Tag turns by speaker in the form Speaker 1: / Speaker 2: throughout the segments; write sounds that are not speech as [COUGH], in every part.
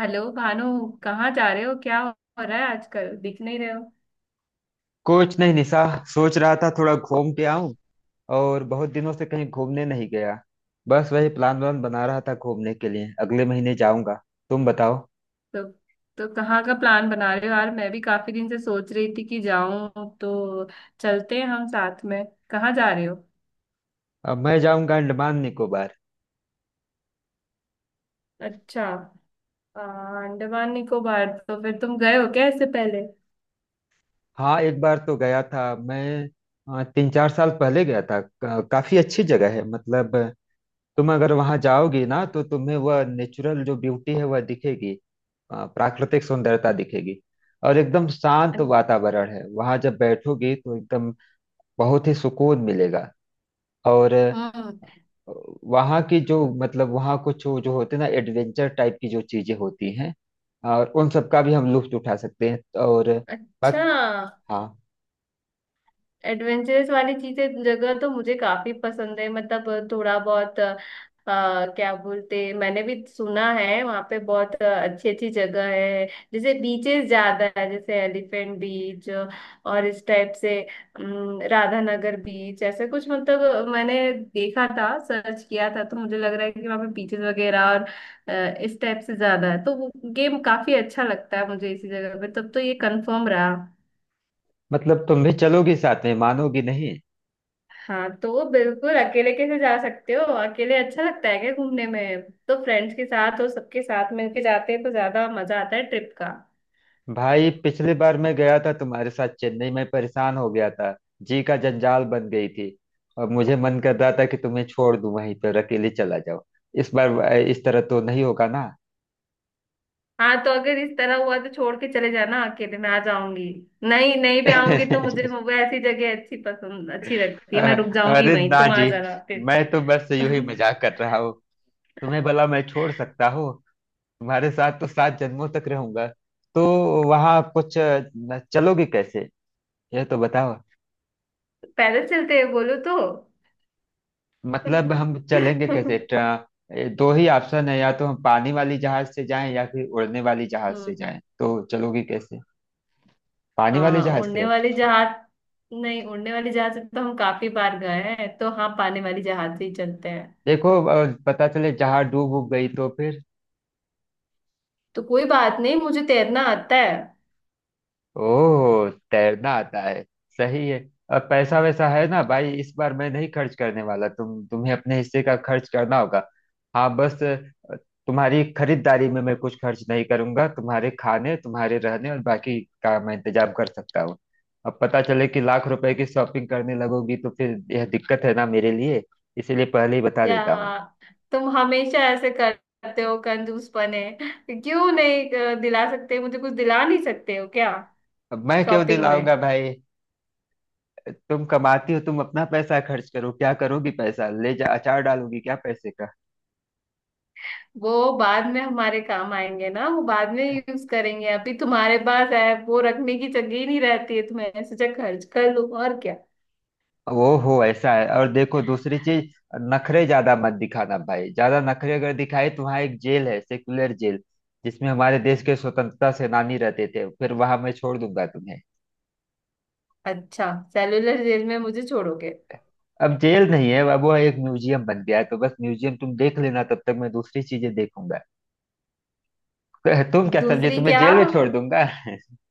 Speaker 1: Hello Bhanu. कहाँ जा रहे हो? क्या हो रहा है? आजकल दिख नहीं रहे हो।
Speaker 2: कुछ नहीं निशा। सोच रहा था थोड़ा घूम के आऊं। और बहुत दिनों से कहीं घूमने नहीं गया। बस वही प्लान वान बना रहा था, घूमने के लिए अगले महीने जाऊंगा। तुम बताओ।
Speaker 1: तो तो कहाँ का प्लान बना रहे हो यार? मैं भी काफी दिन से सोच रही थी कि जाऊं तो चलते हैं हम साथ में। कहाँ जा रहे हो?
Speaker 2: अब मैं जाऊंगा अंडमान निकोबार।
Speaker 1: अच्छा। आ, अंडमान निकोबार? तो फिर तुम गए हो क्या इससे पहले?
Speaker 2: हाँ एक बार तो गया था मैं। 3 4 साल पहले गया था। काफी अच्छी जगह है मतलब। तुम अगर वहां जाओगी ना तो तुम्हें वह नेचुरल जो ब्यूटी है वह दिखेगी। प्राकृतिक सुंदरता दिखेगी। और एकदम शांत वातावरण है, वहां जब बैठोगी तो एकदम बहुत ही सुकून मिलेगा। और
Speaker 1: हम्म।
Speaker 2: वहाँ की जो मतलब वहाँ कुछ जो जो होते हैं ना, एडवेंचर टाइप की जो चीजें होती हैं। और उन सब का भी हम लुत्फ उठा सकते हैं। और
Speaker 1: अच्छा।
Speaker 2: बस। हाँ।
Speaker 1: एडवेंचरस वाली चीजें जगह तो मुझे काफी पसंद है। मतलब थोड़ा बहुत क्या बोलते, मैंने भी सुना है वहाँ पे बहुत अच्छी अच्छी जगह है। जैसे बीचेस ज्यादा है, जैसे एलिफेंट बीच और इस टाइप से राधानगर बीच, ऐसे कुछ। मतलब मैंने देखा था, सर्च किया था, तो मुझे लग रहा है कि वहाँ पे बीचेस वगैरह और इस टाइप से ज्यादा है, तो वो गेम काफी अच्छा लगता है मुझे। इसी जगह पे तब तो ये कंफर्म रहा।
Speaker 2: मतलब तुम भी चलोगी साथ में, मानोगी नहीं।
Speaker 1: हाँ तो बिल्कुल। अकेले कैसे जा सकते हो? अकेले अच्छा लगता है क्या घूमने में? तो फ्रेंड्स के साथ और सबके साथ मिलके जाते हैं तो ज्यादा मजा आता है ट्रिप का।
Speaker 2: भाई पिछली बार मैं गया था तुम्हारे साथ चेन्नई में, परेशान हो गया था। जी का जंजाल बन गई थी। और मुझे मन कर रहा था कि तुम्हें छोड़ दूं वहीं पर, अकेले चला जाओ। इस बार इस तरह तो नहीं होगा ना।
Speaker 1: हाँ, तो अगर इस तरह हुआ तो छोड़ के चले जाना अकेले, मैं आ जाऊंगी। नहीं, नहीं भी आऊंगी तो मुझे
Speaker 2: [LAUGHS]
Speaker 1: वो ऐसी जगह अच्छी पसंद अच्छी लगती है, मैं रुक जाऊंगी
Speaker 2: अरे
Speaker 1: वहीं,
Speaker 2: ना
Speaker 1: तुम आ
Speaker 2: जी।
Speaker 1: जाना
Speaker 2: मैं तो बस
Speaker 1: फिर।
Speaker 2: यूं
Speaker 1: [LAUGHS]
Speaker 2: ही मजाक कर रहा हूँ। तुम्हें भला मैं छोड़ सकता हूँ। तुम्हारे साथ तो सात जन्मों तक रहूंगा। तो वहां कुछ चलोगे कैसे, यह तो बताओ।
Speaker 1: पैदल चलते हैं, बोलो तो।
Speaker 2: मतलब हम चलेंगे कैसे
Speaker 1: [LAUGHS]
Speaker 2: ट्र- दो ही ऑप्शन है, या तो हम पानी वाली जहाज से जाएं या फिर उड़ने वाली जहाज से
Speaker 1: हम्म।
Speaker 2: जाएं, तो चलोगे कैसे। पानी वाले
Speaker 1: हाँ,
Speaker 2: जहाज
Speaker 1: उड़ने
Speaker 2: से।
Speaker 1: वाली जहाज। नहीं, उड़ने वाली जहाज से तो हम काफी बार गए हैं, तो हाँ, पानी वाली जहाज से ही चलते हैं।
Speaker 2: देखो पता चले जहाज डूब उब गई तो फिर।
Speaker 1: तो कोई बात नहीं, मुझे तैरना आता है।
Speaker 2: ओह, तैरना आता है। सही है। और पैसा वैसा है ना भाई, इस बार मैं नहीं खर्च करने वाला। तुम्हें अपने हिस्से का खर्च करना होगा। हाँ बस तुम्हारी खरीदारी में मैं कुछ खर्च नहीं करूंगा। तुम्हारे खाने तुम्हारे रहने और बाकी का मैं इंतजाम कर सकता हूँ। अब पता चले कि लाख रुपए की शॉपिंग करने लगोगी तो फिर यह दिक्कत है ना मेरे लिए। इसीलिए पहले ही बता
Speaker 1: या,
Speaker 2: देता हूँ।
Speaker 1: तुम हमेशा ऐसे करते हो कंजूस पने। क्यों नहीं दिला सकते? मुझे कुछ दिला नहीं सकते हो क्या,
Speaker 2: अब मैं क्यों
Speaker 1: शॉपिंग में?
Speaker 2: दिलाऊंगा भाई। तुम कमाती हो, तुम अपना पैसा खर्च करो। क्या करोगी पैसा ले जा, अचार डालोगी क्या पैसे का।
Speaker 1: वो बाद में हमारे काम आएंगे ना, वो बाद में यूज करेंगे। अभी तुम्हारे पास है, वो रखने की जगह ही नहीं रहती है, तो मैंने सोचा खर्च कर लूं, और क्या।
Speaker 2: वो हो, ऐसा है। और देखो दूसरी चीज, नखरे ज्यादा मत दिखाना भाई। ज्यादा नखरे अगर दिखाए तो वहाँ एक जेल है, सेकुलर जेल, जिसमें हमारे देश के स्वतंत्रता सेनानी रहते थे। फिर वहां मैं छोड़ दूंगा तुम्हें।
Speaker 1: अच्छा, सेलुलर जेल में मुझे छोड़ोगे?
Speaker 2: अब जेल नहीं है, अब वो एक म्यूजियम बन गया है। तो बस म्यूजियम तुम देख लेना, तब तक मैं दूसरी चीजें देखूंगा। [LAUGHS] तो तुम क्या समझे,
Speaker 1: दूसरी
Speaker 2: तुम्हें
Speaker 1: क्या?
Speaker 2: जेल में छोड़ दूंगा? [LAUGHS]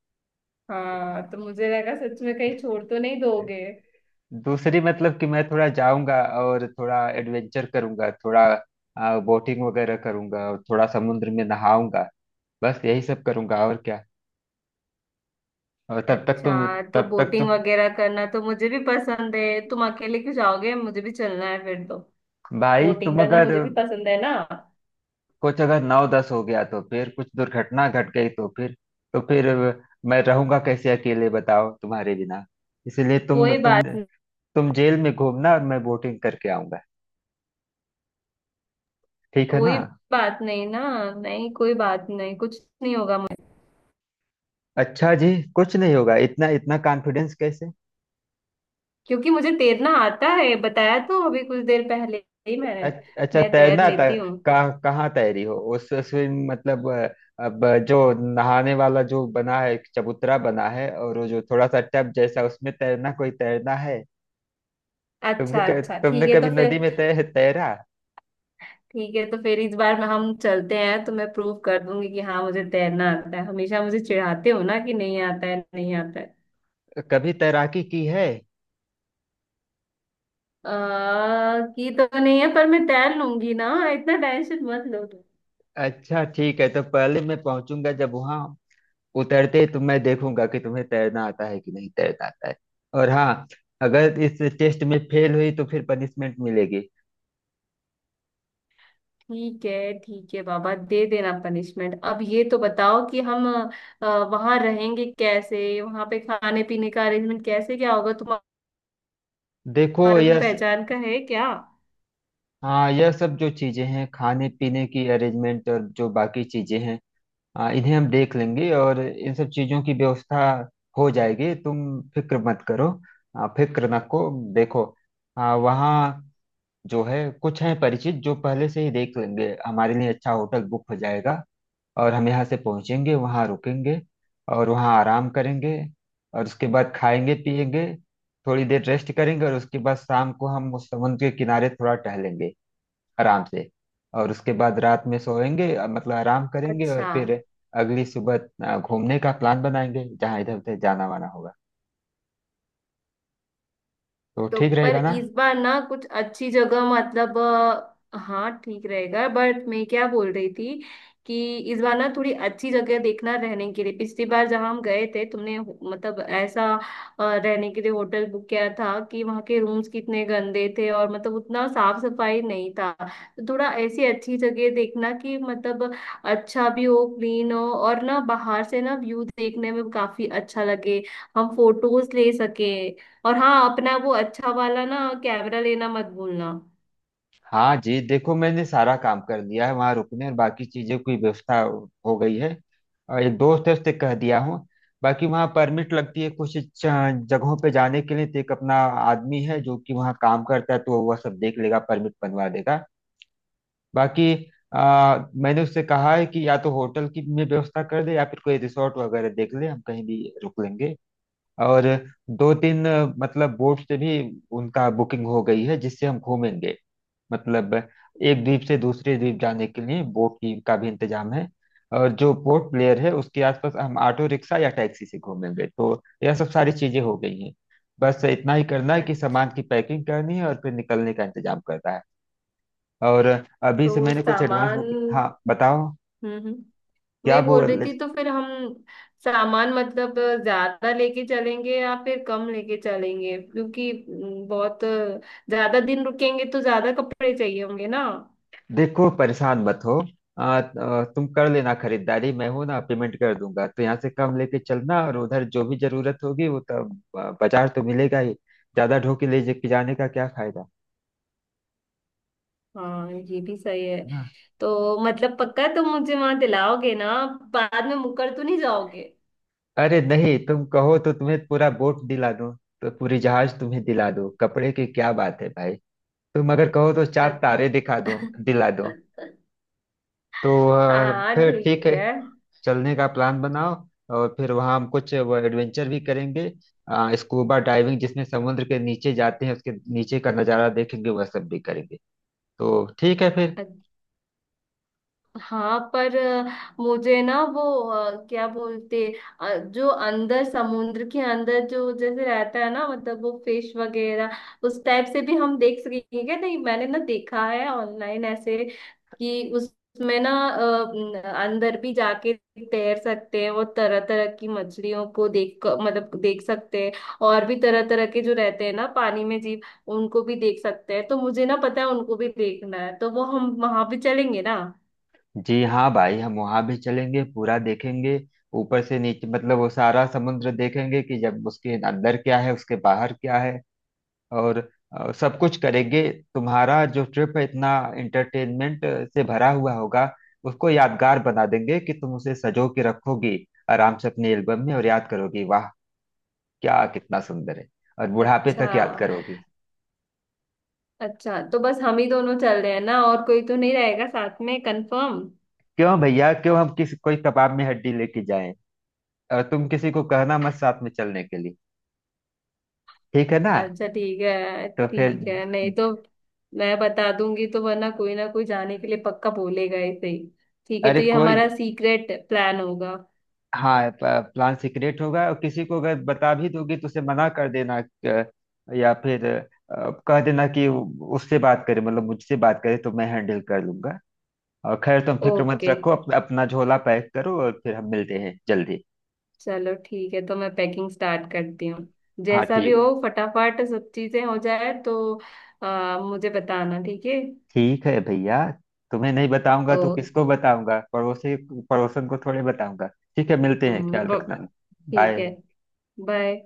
Speaker 1: हाँ, तो मुझे लगा सच में कहीं छोड़ तो नहीं दोगे।
Speaker 2: दूसरी मतलब कि मैं थोड़ा जाऊंगा और थोड़ा एडवेंचर करूंगा, थोड़ा बोटिंग वगैरह करूंगा और थोड़ा समुद्र में नहाऊंगा। बस यही सब करूंगा और क्या। और तब तक तुम
Speaker 1: अच्छा, तो
Speaker 2: तब तक तुम
Speaker 1: बोटिंग वगैरह करना तो मुझे भी पसंद है, तुम अकेले क्यों जाओगे? मुझे भी चलना है फिर तो।
Speaker 2: भाई
Speaker 1: बोटिंग
Speaker 2: तुम
Speaker 1: करना
Speaker 2: अगर
Speaker 1: मुझे भी पसंद है ना।
Speaker 2: कुछ अगर नौ दस हो गया तो फिर कुछ दुर्घटना घट गई तो फिर, तो फिर मैं रहूंगा कैसे अकेले, बताओ तुम्हारे बिना। इसलिए तुम
Speaker 1: कोई
Speaker 2: तुम
Speaker 1: बात नहीं।
Speaker 2: तुम जेल में घूमना और मैं बोटिंग करके आऊंगा। ठीक है ना।
Speaker 1: कोई बात नहीं ना। नहीं, कोई बात नहीं, कुछ नहीं होगा मुझे।
Speaker 2: अच्छा जी। कुछ नहीं होगा, इतना इतना कॉन्फिडेंस कैसे।
Speaker 1: क्योंकि मुझे तैरना आता है, बताया तो अभी कुछ देर पहले ही मैंने।
Speaker 2: अच्छा
Speaker 1: मैं तैर
Speaker 2: तैरना था।
Speaker 1: लेती हूँ।
Speaker 2: कहाँ कहाँ तैरी हो, उस स्विम मतलब अब जो नहाने वाला जो बना है, एक चबूतरा बना है और वो जो थोड़ा सा टब जैसा, उसमें तैरना कोई तैरना है।
Speaker 1: अच्छा, अच्छा, ठीक
Speaker 2: तुमने
Speaker 1: है
Speaker 2: कभी
Speaker 1: तो
Speaker 2: नदी
Speaker 1: फिर।
Speaker 2: में तैरा,
Speaker 1: ठीक है, तो फिर इस बार में हम चलते हैं तो मैं प्रूव कर दूंगी कि हाँ, मुझे तैरना आता है। हमेशा मुझे चिढ़ाते हो ना कि नहीं आता है नहीं आता है।
Speaker 2: कभी तैराकी की है।
Speaker 1: की तो नहीं है, पर मैं तैर लूंगी ना, इतना टेंशन मत लो तुम।
Speaker 2: अच्छा ठीक है, तो पहले मैं पहुंचूंगा जब वहां, उतरते ही तो मैं देखूंगा कि तुम्हें तैरना आता है कि नहीं तैरना आता है। और हाँ, अगर इस टेस्ट में फेल हुई तो फिर पनिशमेंट मिलेगी।
Speaker 1: ठीक है बाबा, दे देना पनिशमेंट। अब ये तो बताओ कि हम वहां रहेंगे कैसे? वहां पे खाने पीने का अरेंजमेंट कैसे क्या होगा?
Speaker 2: देखो
Speaker 1: तुम्हारे कोई
Speaker 2: यह
Speaker 1: पहचान का है क्या?
Speaker 2: हाँ, यह सब जो चीज़ें हैं खाने पीने की अरेंजमेंट और जो बाकी चीज़ें हैं, हाँ, इन्हें हम देख लेंगे और इन सब चीज़ों की व्यवस्था हो जाएगी। तुम फिक्र मत करो। हाँ, फिक्र ना को देखो। हाँ वहाँ जो है, कुछ हैं परिचित जो पहले से ही देख लेंगे, हमारे लिए अच्छा होटल बुक हो जाएगा। और हम यहाँ से पहुँचेंगे, वहाँ रुकेंगे और वहाँ आराम करेंगे। और उसके बाद खाएंगे पिएंगे, थोड़ी देर रेस्ट करेंगे, और उसके बाद शाम को हम उस समुद्र के किनारे थोड़ा टहलेंगे आराम से। और उसके बाद रात में सोएंगे, मतलब आराम करेंगे और
Speaker 1: अच्छा।
Speaker 2: फिर अगली सुबह घूमने का प्लान बनाएंगे, जहाँ इधर उधर जाना वाना होगा। तो
Speaker 1: तो
Speaker 2: ठीक
Speaker 1: पर
Speaker 2: रहेगा ना।
Speaker 1: इस बार ना कुछ अच्छी जगह, मतलब हाँ, ठीक रहेगा। बट मैं क्या बोल रही थी कि इस बार ना थोड़ी अच्छी जगह देखना रहने के लिए। पिछली बार जहाँ हम गए थे, तुमने मतलब ऐसा रहने के लिए होटल बुक किया था कि वहाँ के रूम्स कितने गंदे थे, और मतलब उतना साफ सफाई नहीं था। तो थोड़ा ऐसी अच्छी जगह देखना कि मतलब अच्छा भी हो, क्लीन हो, और ना बाहर से ना व्यू देखने में काफी अच्छा लगे, हम फोटोज ले सके। और हाँ, अपना वो अच्छा वाला ना कैमरा लेना मत भूलना।
Speaker 2: हाँ जी देखो, मैंने सारा काम कर लिया है, वहाँ रुकने और बाकी चीज़ों की व्यवस्था हो गई है। और एक दोस्त है, उससे कह दिया हूँ। बाकी वहाँ परमिट लगती है कुछ जगहों पे जाने के लिए, तो एक अपना आदमी है जो कि वहाँ काम करता है, तो वह सब देख लेगा, परमिट बनवा देगा। बाकी मैंने उससे कहा है कि या तो होटल की में व्यवस्था कर दे या फिर कोई रिसोर्ट वगैरह देख ले, हम कहीं भी रुक लेंगे। और दो तीन मतलब बोट से भी उनका बुकिंग हो गई है, जिससे हम घूमेंगे। मतलब एक द्वीप से दूसरे द्वीप जाने के लिए बोट की का भी इंतजाम है। और जो पोर्ट ब्लेयर है उसके आसपास हम ऑटो रिक्शा या टैक्सी से घूमेंगे। तो यह सब सारी चीजें हो गई हैं, बस इतना ही करना है कि
Speaker 1: अच्छा,
Speaker 2: सामान की पैकिंग करनी है और फिर निकलने का इंतजाम करना है। और अभी से
Speaker 1: तो
Speaker 2: मैंने कुछ एडवांस
Speaker 1: सामान।
Speaker 2: बुक, हाँ बताओ।
Speaker 1: हम्म,
Speaker 2: क्या
Speaker 1: मैं बोल रही
Speaker 2: बोल।
Speaker 1: थी, तो फिर हम सामान मतलब ज्यादा लेके चलेंगे या फिर कम लेके चलेंगे? क्योंकि बहुत ज्यादा दिन रुकेंगे तो ज्यादा कपड़े चाहिए होंगे ना।
Speaker 2: देखो परेशान मत हो। आ, आ, तुम कर लेना खरीदारी, मैं हूं ना, पेमेंट कर दूंगा। तो यहाँ से कम लेके चलना, और उधर जो भी जरूरत होगी वो तो बाजार तो मिलेगा ही। ज्यादा ढोके ले जाने का क्या फायदा।
Speaker 1: हाँ, ये भी सही है।
Speaker 2: ना।
Speaker 1: तो मतलब पक्का तुम मुझे वहां दिलाओगे ना? बाद में मुकर तो नहीं जाओगे?
Speaker 2: अरे नहीं तुम कहो तो तुम्हें पूरा बोट दिला दूं। तो पूरी जहाज तुम्हें दिला दो, कपड़े की क्या बात है भाई। तुम अगर कहो तो चार
Speaker 1: अ-
Speaker 2: तारे दिखा दो, दिला दो।
Speaker 1: [LAUGHS]
Speaker 2: तो
Speaker 1: हाँ,
Speaker 2: फिर ठीक
Speaker 1: ठीक
Speaker 2: है,
Speaker 1: है।
Speaker 2: चलने का प्लान बनाओ। और फिर वहाँ हम कुछ वो एडवेंचर भी करेंगे। स्कूबा डाइविंग जिसमें समुद्र के नीचे जाते हैं, उसके नीचे का नज़ारा देखेंगे, वह सब भी करेंगे। तो ठीक है फिर।
Speaker 1: हाँ पर मुझे ना वो क्या बोलते, जो अंदर, समुद्र के अंदर जो जैसे रहता है ना, मतलब वो फिश वगैरह, उस टाइप से भी हम देख सकेंगे क्या? नहीं मैंने ना देखा है ऑनलाइन ऐसे कि उसमें ना अंदर भी जाके तैर सकते हैं, वो तरह तरह की मछलियों को मतलब देख सकते हैं। और भी तरह तरह के जो रहते हैं ना पानी में जीव, उनको भी देख सकते हैं। तो मुझे ना पता है, उनको भी देखना है, तो वो हम वहां भी चलेंगे ना।
Speaker 2: जी हाँ भाई, हम वहाँ भी चलेंगे पूरा देखेंगे। ऊपर से नीचे, मतलब वो सारा समुद्र देखेंगे कि जब उसके अंदर क्या है, उसके बाहर क्या है। और सब कुछ करेंगे। तुम्हारा जो ट्रिप है इतना एंटरटेनमेंट से भरा हुआ होगा, उसको यादगार बना देंगे कि तुम उसे सजो के रखोगी आराम से अपने एल्बम में। और याद करोगी, वाह क्या कितना सुंदर है। और बुढ़ापे
Speaker 1: अच्छा।
Speaker 2: तक याद करोगी।
Speaker 1: अच्छा, तो बस हम ही दोनों चल रहे हैं ना? और कोई तो नहीं रहेगा साथ में, कंफर्म?
Speaker 2: क्यों भैया, क्यों हम किसी कोई कबाब में हड्डी लेके जाएं। और तुम किसी को कहना मत साथ में चलने के लिए। ठीक है ना।
Speaker 1: अच्छा ठीक है
Speaker 2: तो फिर।
Speaker 1: ठीक है, नहीं तो मैं बता दूंगी तो वरना कोई ना कोई जाने के लिए पक्का बोलेगा ऐसे ही। ठीक है,
Speaker 2: अरे
Speaker 1: तो ये
Speaker 2: कोई
Speaker 1: हमारा सीक्रेट प्लान होगा।
Speaker 2: हाँ, प्लान सीक्रेट होगा। और किसी को अगर बता भी दोगी तो उसे मना कर देना, या फिर कह देना कि उससे बात करे, मतलब मुझसे बात करे, तो मैं हैंडल कर लूंगा। और खैर तुम फिक्र मत
Speaker 1: ओके।
Speaker 2: रखो, अपना झोला पैक करो और फिर हम मिलते हैं जल्दी।
Speaker 1: चलो ठीक है, तो मैं पैकिंग स्टार्ट करती हूँ।
Speaker 2: हाँ
Speaker 1: जैसा भी
Speaker 2: ठीक
Speaker 1: हो
Speaker 2: है।
Speaker 1: फटाफट सब चीजें हो जाए तो मुझे बताना, ठीक है?
Speaker 2: ठीक है भैया, तुम्हें नहीं बताऊंगा
Speaker 1: ओ।
Speaker 2: तो किसको बताऊंगा, पड़ोसी पड़ोसन को थोड़े बताऊंगा। ठीक है, मिलते हैं,
Speaker 1: हम्म,
Speaker 2: ख्याल
Speaker 1: ब-
Speaker 2: रखना।
Speaker 1: ठीक है।
Speaker 2: बाय।
Speaker 1: बाय।